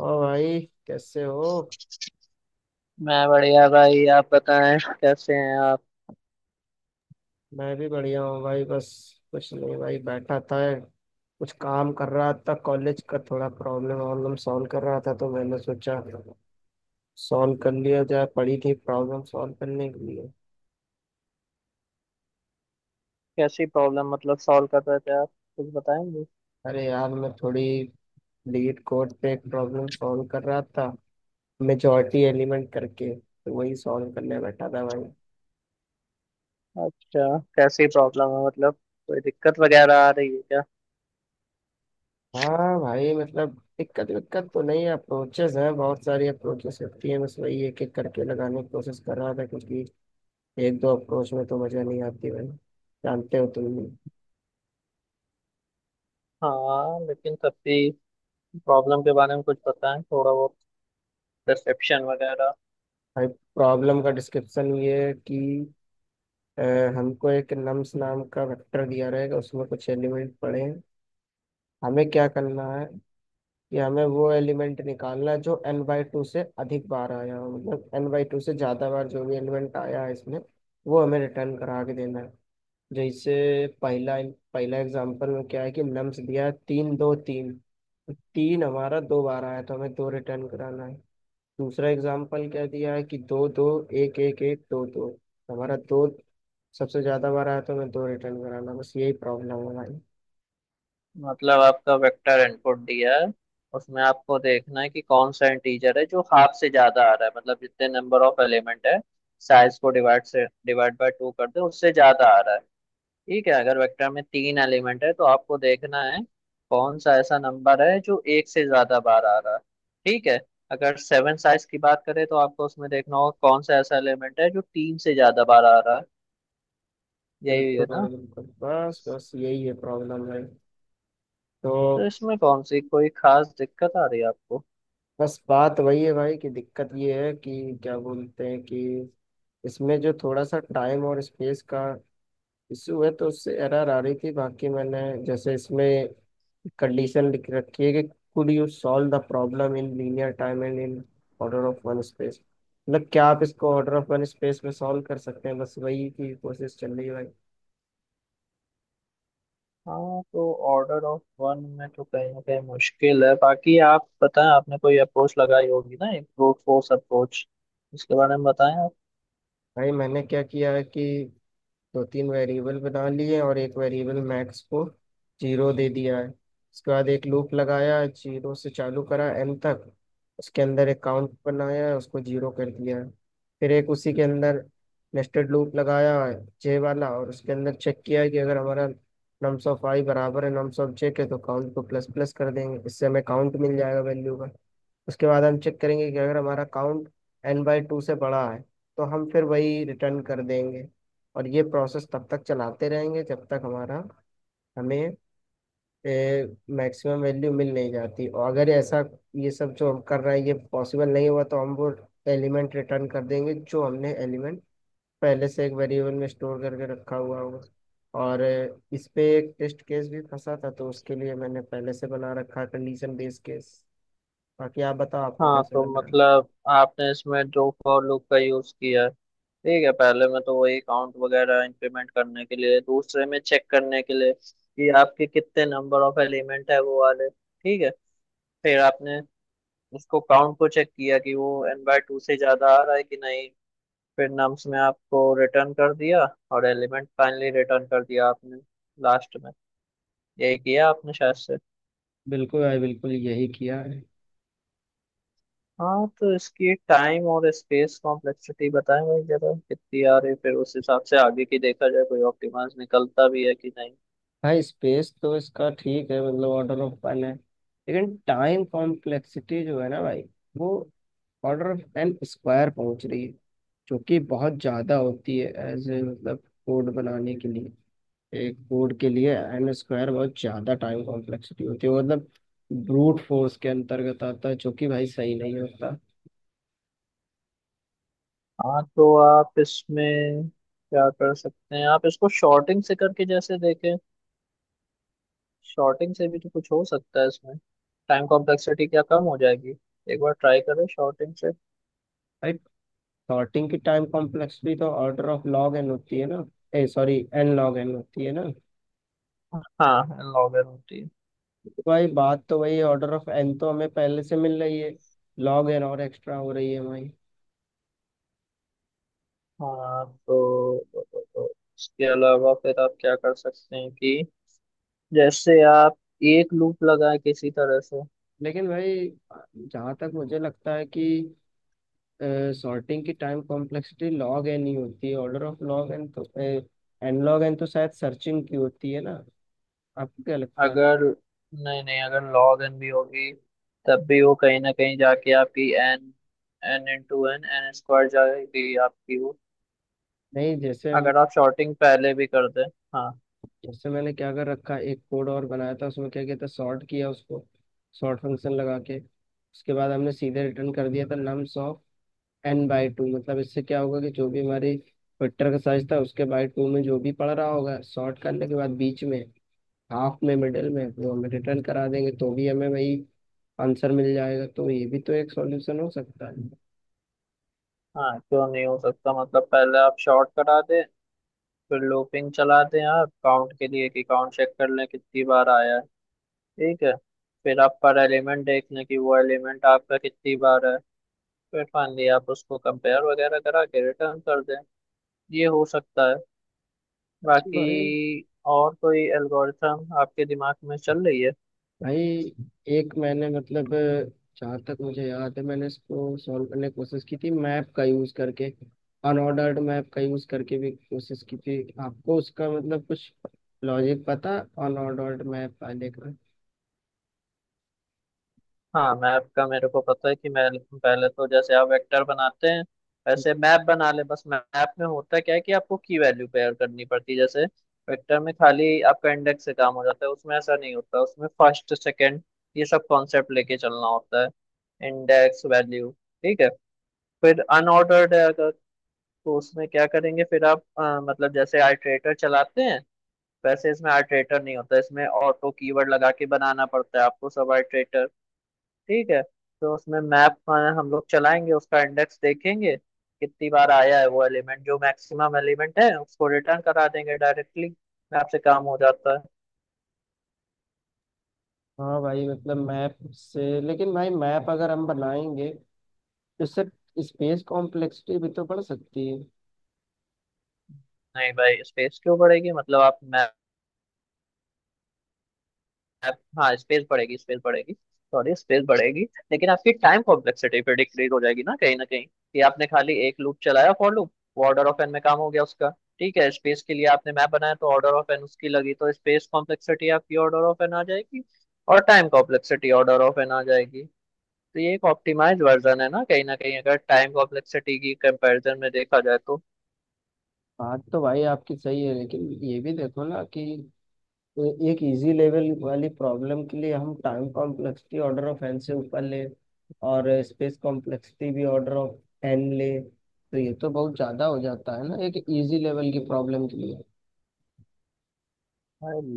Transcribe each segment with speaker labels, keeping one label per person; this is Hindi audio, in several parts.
Speaker 1: और भाई, कैसे हो?
Speaker 2: मैं बढ़िया भाई। आप बताएं कैसे हैं आप।
Speaker 1: मैं भी बढ़िया हूँ भाई। बस कुछ नहीं भाई, बैठा था, कुछ काम कर रहा था। कॉलेज का थोड़ा प्रॉब्लम वॉब्लम सॉल्व कर रहा था तो मैंने सोचा सॉल्व कर लिया जाए, पड़ी थी प्रॉब्लम सॉल्व करने के लिए।
Speaker 2: कैसी प्रॉब्लम मतलब सॉल्व कर रहे थे आप? कुछ बताएंगे।
Speaker 1: अरे यार, मैं थोड़ी लीड कोड पे एक प्रॉब्लम सॉल्व कर रहा था, मेजॉरिटी एलिमेंट करके, तो वही सॉल्व करने बैठा था भाई।
Speaker 2: अच्छा, कैसी प्रॉब्लम है मतलब? कोई दिक्कत वगैरह आ रही है क्या?
Speaker 1: हाँ भाई, मतलब दिक्कत विक्कत तो नहीं है, अप्रोचेस हैं, बहुत सारी अप्रोचेस होती हैं, बस वही एक एक करके लगाने की कोशिश कर रहा था, क्योंकि एक दो अप्रोच में तो मजा नहीं आती भाई, जानते हो तुम भी।
Speaker 2: हाँ, लेकिन तब भी प्रॉब्लम के बारे में कुछ बताएं थोड़ा बहुत, परसेप्शन वगैरह।
Speaker 1: भाई, प्रॉब्लम का डिस्क्रिप्शन ये है कि अ, हमको एक नम्स नाम का वेक्टर दिया रहेगा, उसमें कुछ एलिमेंट पड़े हैं। हमें क्या करना है कि हमें वो एलिमेंट निकालना है जो एन बाई टू से अधिक बार आया हो, मतलब एन बाई टू से ज़्यादा बार जो भी एलिमेंट आया है इसमें, वो हमें रिटर्न करा के देना है। जैसे पहला पहला एग्जांपल में क्या है कि नम्स दिया है, तीन दो तीन, तो तीन हमारा दो बार आया तो हमें दो रिटर्न कराना है। दूसरा एग्जांपल क्या दिया है कि दो दो एक एक एक दो दो, तो हमारा दो सबसे ज्यादा बार आया तो हमें दो रिटर्न कराना, बस यही प्रॉब्लम है भाई।
Speaker 2: मतलब आपका वेक्टर इनपुट दिया है, उसमें आपको देखना है कि कौन सा इंटीजर है जो हाफ से ज्यादा आ रहा है। मतलब जितने नंबर ऑफ एलिमेंट है, साइज को डिवाइड से डिवाइड बाय टू कर दें, उससे ज्यादा आ रहा है। ठीक है, अगर वेक्टर में तीन एलिमेंट है तो आपको देखना है कौन सा ऐसा नंबर है जो एक से ज्यादा बार आ रहा है। ठीक है, अगर सेवन साइज की बात करें तो आपको उसमें देखना होगा कौन सा ऐसा एलिमेंट है जो तीन से ज्यादा बार आ रहा है। यही
Speaker 1: बिल्कुल
Speaker 2: है ना?
Speaker 1: भाई बिल्कुल, बस बस यही है प्रॉब्लम भाई। तो
Speaker 2: तो इसमें कौन सी कोई खास दिक्कत आ रही है आपको?
Speaker 1: बस बात वही है भाई कि दिक्कत ये है कि क्या बोलते हैं कि इसमें जो थोड़ा सा टाइम और स्पेस का इशू है, तो उससे एरर आ रही थी। बाकी मैंने जैसे इसमें कंडीशन लिख रखी है कि could you solve the problem in linear time and in order of one space, मतलब क्या आप इसको ऑर्डर ऑफ वन स्पेस में सॉल्व कर सकते हैं? बस वही की कोशिश चल रही है भाई।
Speaker 2: हाँ, तो ऑर्डर ऑफ वन में तो कहीं ना कहीं मुश्किल है। बाकी आप बताएं, आपने कोई अप्रोच लगाई होगी ना, एक ब्रूट फोर्स अप्रोच, उसके बारे में बताएं आप।
Speaker 1: भाई मैंने क्या किया है कि दो तीन वेरिएबल बना लिए और एक वेरिएबल मैक्स को जीरो दे दिया है। उसके बाद एक लूप लगाया, जीरो से चालू करा एन तक। उसके अंदर एक काउंट बनाया, उसको जीरो कर दिया है। फिर एक उसी के अंदर नेस्टेड लूप लगाया जे वाला, और उसके अंदर चेक किया कि अगर हमारा नम्स ऑफ आई बराबर है नम्स ऑफ जे के, तो काउंट को प्लस प्लस कर देंगे, इससे हमें काउंट मिल जाएगा वैल्यू का। उसके बाद हम चेक करेंगे कि अगर हमारा काउंट एन बाई टू से बड़ा है तो हम फिर वही रिटर्न कर देंगे। और ये प्रोसेस तब तक चलाते रहेंगे जब तक हमारा हमें मैक्सिमम वैल्यू मिल नहीं जाती। और अगर ऐसा ये सब जो हम कर रहे हैं ये पॉसिबल नहीं हुआ, तो हम वो एलिमेंट रिटर्न कर देंगे जो हमने एलिमेंट पहले से एक वेरिएबल में स्टोर करके रखा हुआ होगा। और इस पे एक टेस्ट केस भी फंसा था, तो उसके लिए मैंने पहले से बना रखा कंडीशन बेस्ड केस। बाकी आप बताओ, आपको
Speaker 2: हाँ,
Speaker 1: कैसे
Speaker 2: तो
Speaker 1: लग रहा है।
Speaker 2: मतलब आपने इसमें जो फॉर लूप का यूज किया है, ठीक है, पहले में तो वही काउंट वगैरह इंप्लीमेंट करने के लिए, दूसरे में चेक करने के लिए कि आपके कितने नंबर ऑफ एलिमेंट है वो वाले। ठीक है, फिर आपने उसको काउंट को चेक किया कि वो एन बाय टू से ज्यादा आ रहा है कि नहीं, फिर नम्स में आपको रिटर्न कर दिया और एलिमेंट फाइनली रिटर्न कर दिया आपने लास्ट में। यही किया आपने शायद से।
Speaker 1: बिल्कुल भाई बिल्कुल, यही किया है।
Speaker 2: हाँ, तो इसकी टाइम और स्पेस कॉम्प्लेक्सिटी बताएं भाई जरा, कितनी आ रही, फिर उस हिसाब से आगे की देखा जाए कोई ऑप्टिमाइज निकलता भी है कि नहीं।
Speaker 1: भाई स्पेस तो इसका ठीक है, मतलब ऑर्डर ऑफ वन है, लेकिन टाइम कॉम्प्लेक्सिटी जो है ना भाई, वो ऑर्डर ऑफ एन स्क्वायर पहुंच रही है, जो कि बहुत ज़्यादा होती है। एज ए, मतलब कोड बनाने के लिए, एक कोड के लिए एन स्क्वायर बहुत ज़्यादा टाइम कॉम्प्लेक्सिटी होती है, वो मतलब ब्रूट फोर्स के अंतर्गत आता है जो कि भाई सही नहीं होता।
Speaker 2: हाँ, तो आप इसमें क्या कर सकते हैं, आप इसको शॉर्टिंग से करके जैसे देखें। शॉर्टिंग से भी तो कुछ हो सकता है इसमें, टाइम कॉम्प्लेक्सिटी क्या कम हो जाएगी? एक बार ट्राई करें शॉर्टिंग से।
Speaker 1: भाई सॉर्टिंग की टाइम कॉम्प्लेक्सिटी तो ऑर्डर ऑफ लॉग एन होती है ना, uh sorry n log n होती है ना।
Speaker 2: हाँ, लॉगर होती है।
Speaker 1: भाई बात तो वही, ऑर्डर ऑफ एन तो हमें पहले से मिल रही है, लॉग एन और एक्स्ट्रा हो रही है हमारी।
Speaker 2: हाँ, तो इसके अलावा फिर आप क्या कर सकते हैं कि जैसे आप एक लूप लगाए किसी तरह से।
Speaker 1: लेकिन भाई जहाँ तक मुझे लगता है कि सॉर्टिंग की टाइम कॉम्प्लेक्सिटी लॉग एन ही होती है, ऑर्डर ऑफ लॉग एन, तो एन लॉग एन तो शायद सर्चिंग की होती है ना? आपको क्या लगता है?
Speaker 2: अगर, नहीं नहीं, अगर लॉग एन भी होगी तब भी वो कहीं ना कहीं जाके आपकी n n into n n square जाएगी आपकी वो।
Speaker 1: नहीं,
Speaker 2: अगर आप शॉर्टिंग पहले भी कर दें। हाँ।
Speaker 1: जैसे मैंने क्या कर रखा, एक कोड और बनाया था, उसमें क्या किया था, सॉर्ट किया उसको, सॉर्ट फंक्शन लगा के, उसके बाद हमने सीधे रिटर्न कर दिया था नम्स एन बाई टू। मतलब इससे क्या होगा कि जो भी हमारी वेक्टर का साइज था उसके बाई टू में जो भी पड़ रहा होगा सॉर्ट करने के बाद, बीच में, हाफ में, मिडिल में, वो हम रिटर्न करा देंगे, तो भी हमें वही आंसर मिल जाएगा। तो ये भी तो एक सॉल्यूशन हो सकता है।
Speaker 2: हाँ, क्यों नहीं हो सकता, मतलब पहले आप शॉर्ट करा दें, फिर लूपिंग चला दें आप काउंट के लिए कि काउंट चेक कर लें कितनी बार आया है। ठीक है, फिर आप पर एलिमेंट देख लें कि वो एलिमेंट आपका कितनी बार है, फिर मान लिया आप उसको कंपेयर वगैरह करा के रिटर्न कर दें, ये हो सकता है।
Speaker 1: अच्छा भाई।
Speaker 2: बाकी और कोई एल्गोरिथम आपके दिमाग में चल रही है?
Speaker 1: भाई, एक मैंने, मतलब जहाँ तक मुझे याद है, मैंने इसको सॉल्व करने की कोशिश की थी मैप का यूज करके, अनऑर्डर्ड मैप का यूज करके भी कोशिश की थी। आपको उसका मतलब कुछ लॉजिक पता, अनऑर्डर्ड मैप वाले का?
Speaker 2: हाँ, मैप का मेरे को पता है कि मैं, पहले तो जैसे आप वेक्टर बनाते हैं ऐसे मैप बना ले। बस मैप में होता क्या है कि आपको की वैल्यू पेयर करनी पड़ती है, जैसे वेक्टर में खाली आपका इंडेक्स से काम हो जाता है, उसमें ऐसा नहीं होता, उसमें फर्स्ट सेकंड ये सब कॉन्सेप्ट लेके चलना होता है, इंडेक्स वैल्यू। ठीक है, फिर अनऑर्डर्ड है अगर, तो उसमें क्या करेंगे फिर आप, मतलब जैसे आइटरेटर चलाते हैं वैसे इसमें आइटरेटर नहीं होता, इसमें ऑटो कीवर्ड लगा के बनाना पड़ता है आपको सब आइटरेटर। ठीक है, तो उसमें मैप हम लोग चलाएंगे, उसका इंडेक्स देखेंगे कितनी बार आया है वो एलिमेंट, जो मैक्सिमम एलिमेंट है उसको रिटर्न करा देंगे डायरेक्टली, मैप से काम हो जाता है।
Speaker 1: हाँ भाई, मतलब मैप से, लेकिन भाई मैप अगर हम बनाएंगे तो उससे स्पेस कॉम्प्लेक्सिटी भी तो बढ़ सकती है।
Speaker 2: नहीं भाई, स्पेस क्यों बढ़ेगी, मतलब आप मैप, हाँ स्पेस बढ़ेगी, सॉरी स्पेस बढ़ेगी। लेकिन आपकी टाइम कॉम्प्लेक्सिटी फिर डिक्रीज हो जाएगी ना कहीं कि आपने खाली एक लूप चलाया फॉर लूप, वो ऑर्डर ऑफ एन में काम हो गया उसका। ठीक है, स्पेस के लिए आपने मैप बनाया तो ऑर्डर ऑफ एन उसकी लगी, तो स्पेस कॉम्प्लेक्सिटी आपकी ऑर्डर ऑफ एन आ जाएगी और time complexity order of n आ जाएगी। तो ये एक ऑप्टिमाइज वर्जन है ना कहीं ना कहीं, अगर टाइम कॉम्प्लेक्सिटी की कंपैरिजन में देखा जाए तो।
Speaker 1: बात तो भाई आपकी सही है, लेकिन ये भी देखो ना कि एक इजी लेवल वाली प्रॉब्लम के लिए हम time complexity order of N से ऊपर ले और स्पेस कॉम्प्लेक्सिटी भी ऑर्डर ऑफ एन ले, तो ये तो बहुत ज़्यादा हो जाता है ना एक इजी लेवल की प्रॉब्लम के लिए।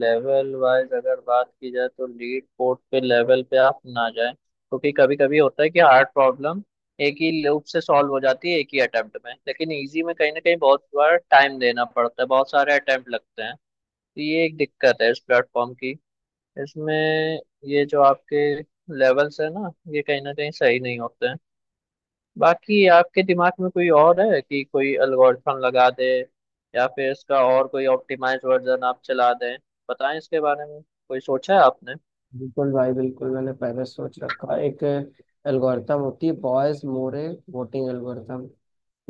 Speaker 2: लेवल वाइज अगर बात की जाए तो लीड पोर्ट पे लेवल पे आप ना जाएं, क्योंकि कभी कभी होता है कि हार्ड प्रॉब्लम एक ही लूप से सॉल्व हो जाती है एक ही अटेम्प्ट में, लेकिन इजी में कहीं ना कहीं बहुत बार टाइम देना पड़ता है, बहुत सारे अटेम्प्ट लगते हैं। तो ये एक दिक्कत है इस प्लेटफॉर्म की, इसमें ये जो आपके लेवल्स है ना, ये कहीं ना कहीं सही नहीं होते हैं। बाकी आपके दिमाग में कोई और है कि कोई एल्गोरिथम लगा दे, या फिर इसका और कोई ऑप्टिमाइज वर्जन आप चला दें, बताएं इसके बारे में। कोई सोचा है आपने?
Speaker 1: बिल्कुल भाई बिल्कुल, मैंने पहले सोच रखा है। एक एल्गोरिथम होती है, बॉयज मोरे वोटिंग एल्गोरिथम।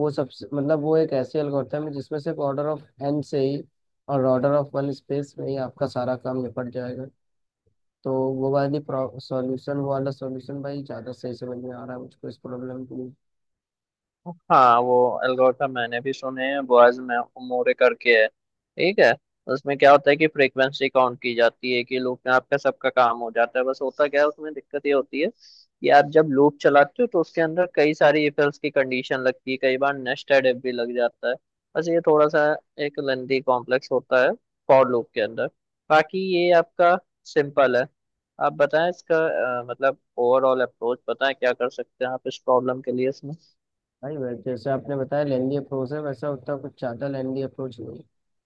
Speaker 1: वो सबसे, मतलब वो एक ऐसी एल्गोरिथम है जिसमें सिर्फ ऑर्डर ऑफ एन से ही और ऑर्डर ऑफ वन स्पेस में ही आपका सारा काम निपट जाएगा। तो वो वाली सॉल्यूशन वो वाला सॉल्यूशन भाई ज़्यादा सही समझ में आ रहा है मुझको इस प्रॉब्लम के लिए।
Speaker 2: हाँ, वो एल्गोरिथम मैंने भी सुने हैं, बॉयज में उमूरे करके है, ठीक है। उसमें क्या होता है कि फ्रीक्वेंसी काउंट की जाती है, कि लूप में आपका सबका काम हो जाता है। बस होता क्या है उसमें दिक्कत ये होती है कि आप जब लूप चलाते हो तो उसके अंदर कई सारी इफ एल्स की कंडीशन लगती है, कई बार नेस्टेड इफ भी लग जाता है। बस ये थोड़ा सा एक लेंथी कॉम्प्लेक्स होता है फॉर लूप के अंदर। बाकी ये आपका सिंपल है, आप बताएं इसका मतलब ओवरऑल अप्रोच बताएं, क्या कर सकते हैं आप इस प्रॉब्लम के लिए इसमें।
Speaker 1: भाई वैसे, जैसे आपने बताया लेंदी अप्रोच है, वैसा उतना कुछ ज़्यादा लेंदी अप्रोच नहीं है,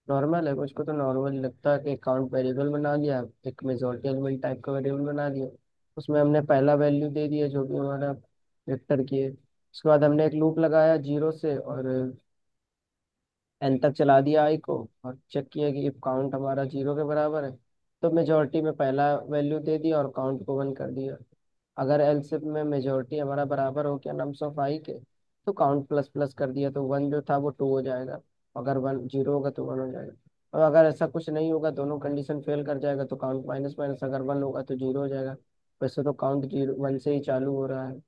Speaker 1: नॉर्मल है। कुछ को तो नॉर्मल लगता है कि अकाउंट वेरिएबल बना लिया, एक मेजोरिटी एलिमेंट टाइप का वेरिएबल बना लिया, उसमें हमने पहला वैल्यू दे दिया जो भी हमारा वेक्टर की है। उसके बाद हमने एक लूप लगाया जीरो से और एन तक चला दिया आई को, और चेक किया कि इफ काउंट हमारा जीरो के बराबर है तो मेजोरिटी में पहला वैल्यू दे दिया और काउंट को वन कर दिया। अगर एलसिफ में मेजोरिटी हमारा बराबर हो गया नम्स ऑफ आई के, तो काउंट प्लस प्लस कर दिया, तो वन जो था वो टू हो जाएगा, अगर वन जीरो होगा तो वन हो जाएगा। और अगर ऐसा कुछ नहीं होगा, दोनों कंडीशन फेल कर जाएगा, तो काउंट माइनस माइनस, अगर वन होगा तो जीरो हो जाएगा। वैसे तो काउंट जीरो वन से ही चालू हो रहा है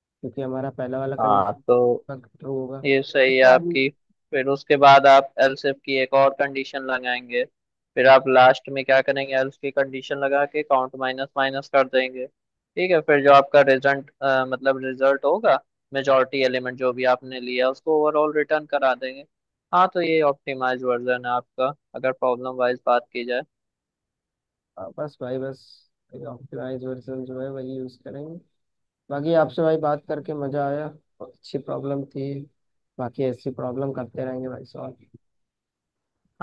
Speaker 1: क्योंकि हमारा पहला वाला
Speaker 2: हाँ,
Speaker 1: कंडीशन
Speaker 2: तो
Speaker 1: ट्रू होगा।
Speaker 2: ये सही है
Speaker 1: उसका
Speaker 2: आपकी। फिर उसके बाद आप एलसीफ की एक और कंडीशन लगाएंगे, फिर आप लास्ट में क्या करेंगे, एल्स की कंडीशन लगा के काउंट माइनस माइनस कर देंगे। ठीक है, फिर जो आपका रिजल्ट, मतलब रिजल्ट होगा, मेजॉरिटी एलिमेंट जो भी आपने लिया उसको ओवरऑल रिटर्न करा देंगे। हाँ तो ये ऑप्टिमाइज वर्जन है आपका अगर प्रॉब्लम वाइज बात की जाए।
Speaker 1: बस भाई बस, ऑप्टिमाइज वर्जन जो है वही यूज करेंगे। बाकी आपसे भाई बात
Speaker 2: हाँ।
Speaker 1: करके मजा आया, बहुत अच्छी प्रॉब्लम थी। बाकी ऐसी प्रॉब्लम करते रहेंगे भाई सॉल्व।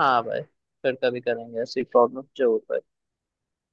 Speaker 2: हाँ भाई, फिर कभी करेंगे ऐसी प्रॉब्लम जरूर भाई।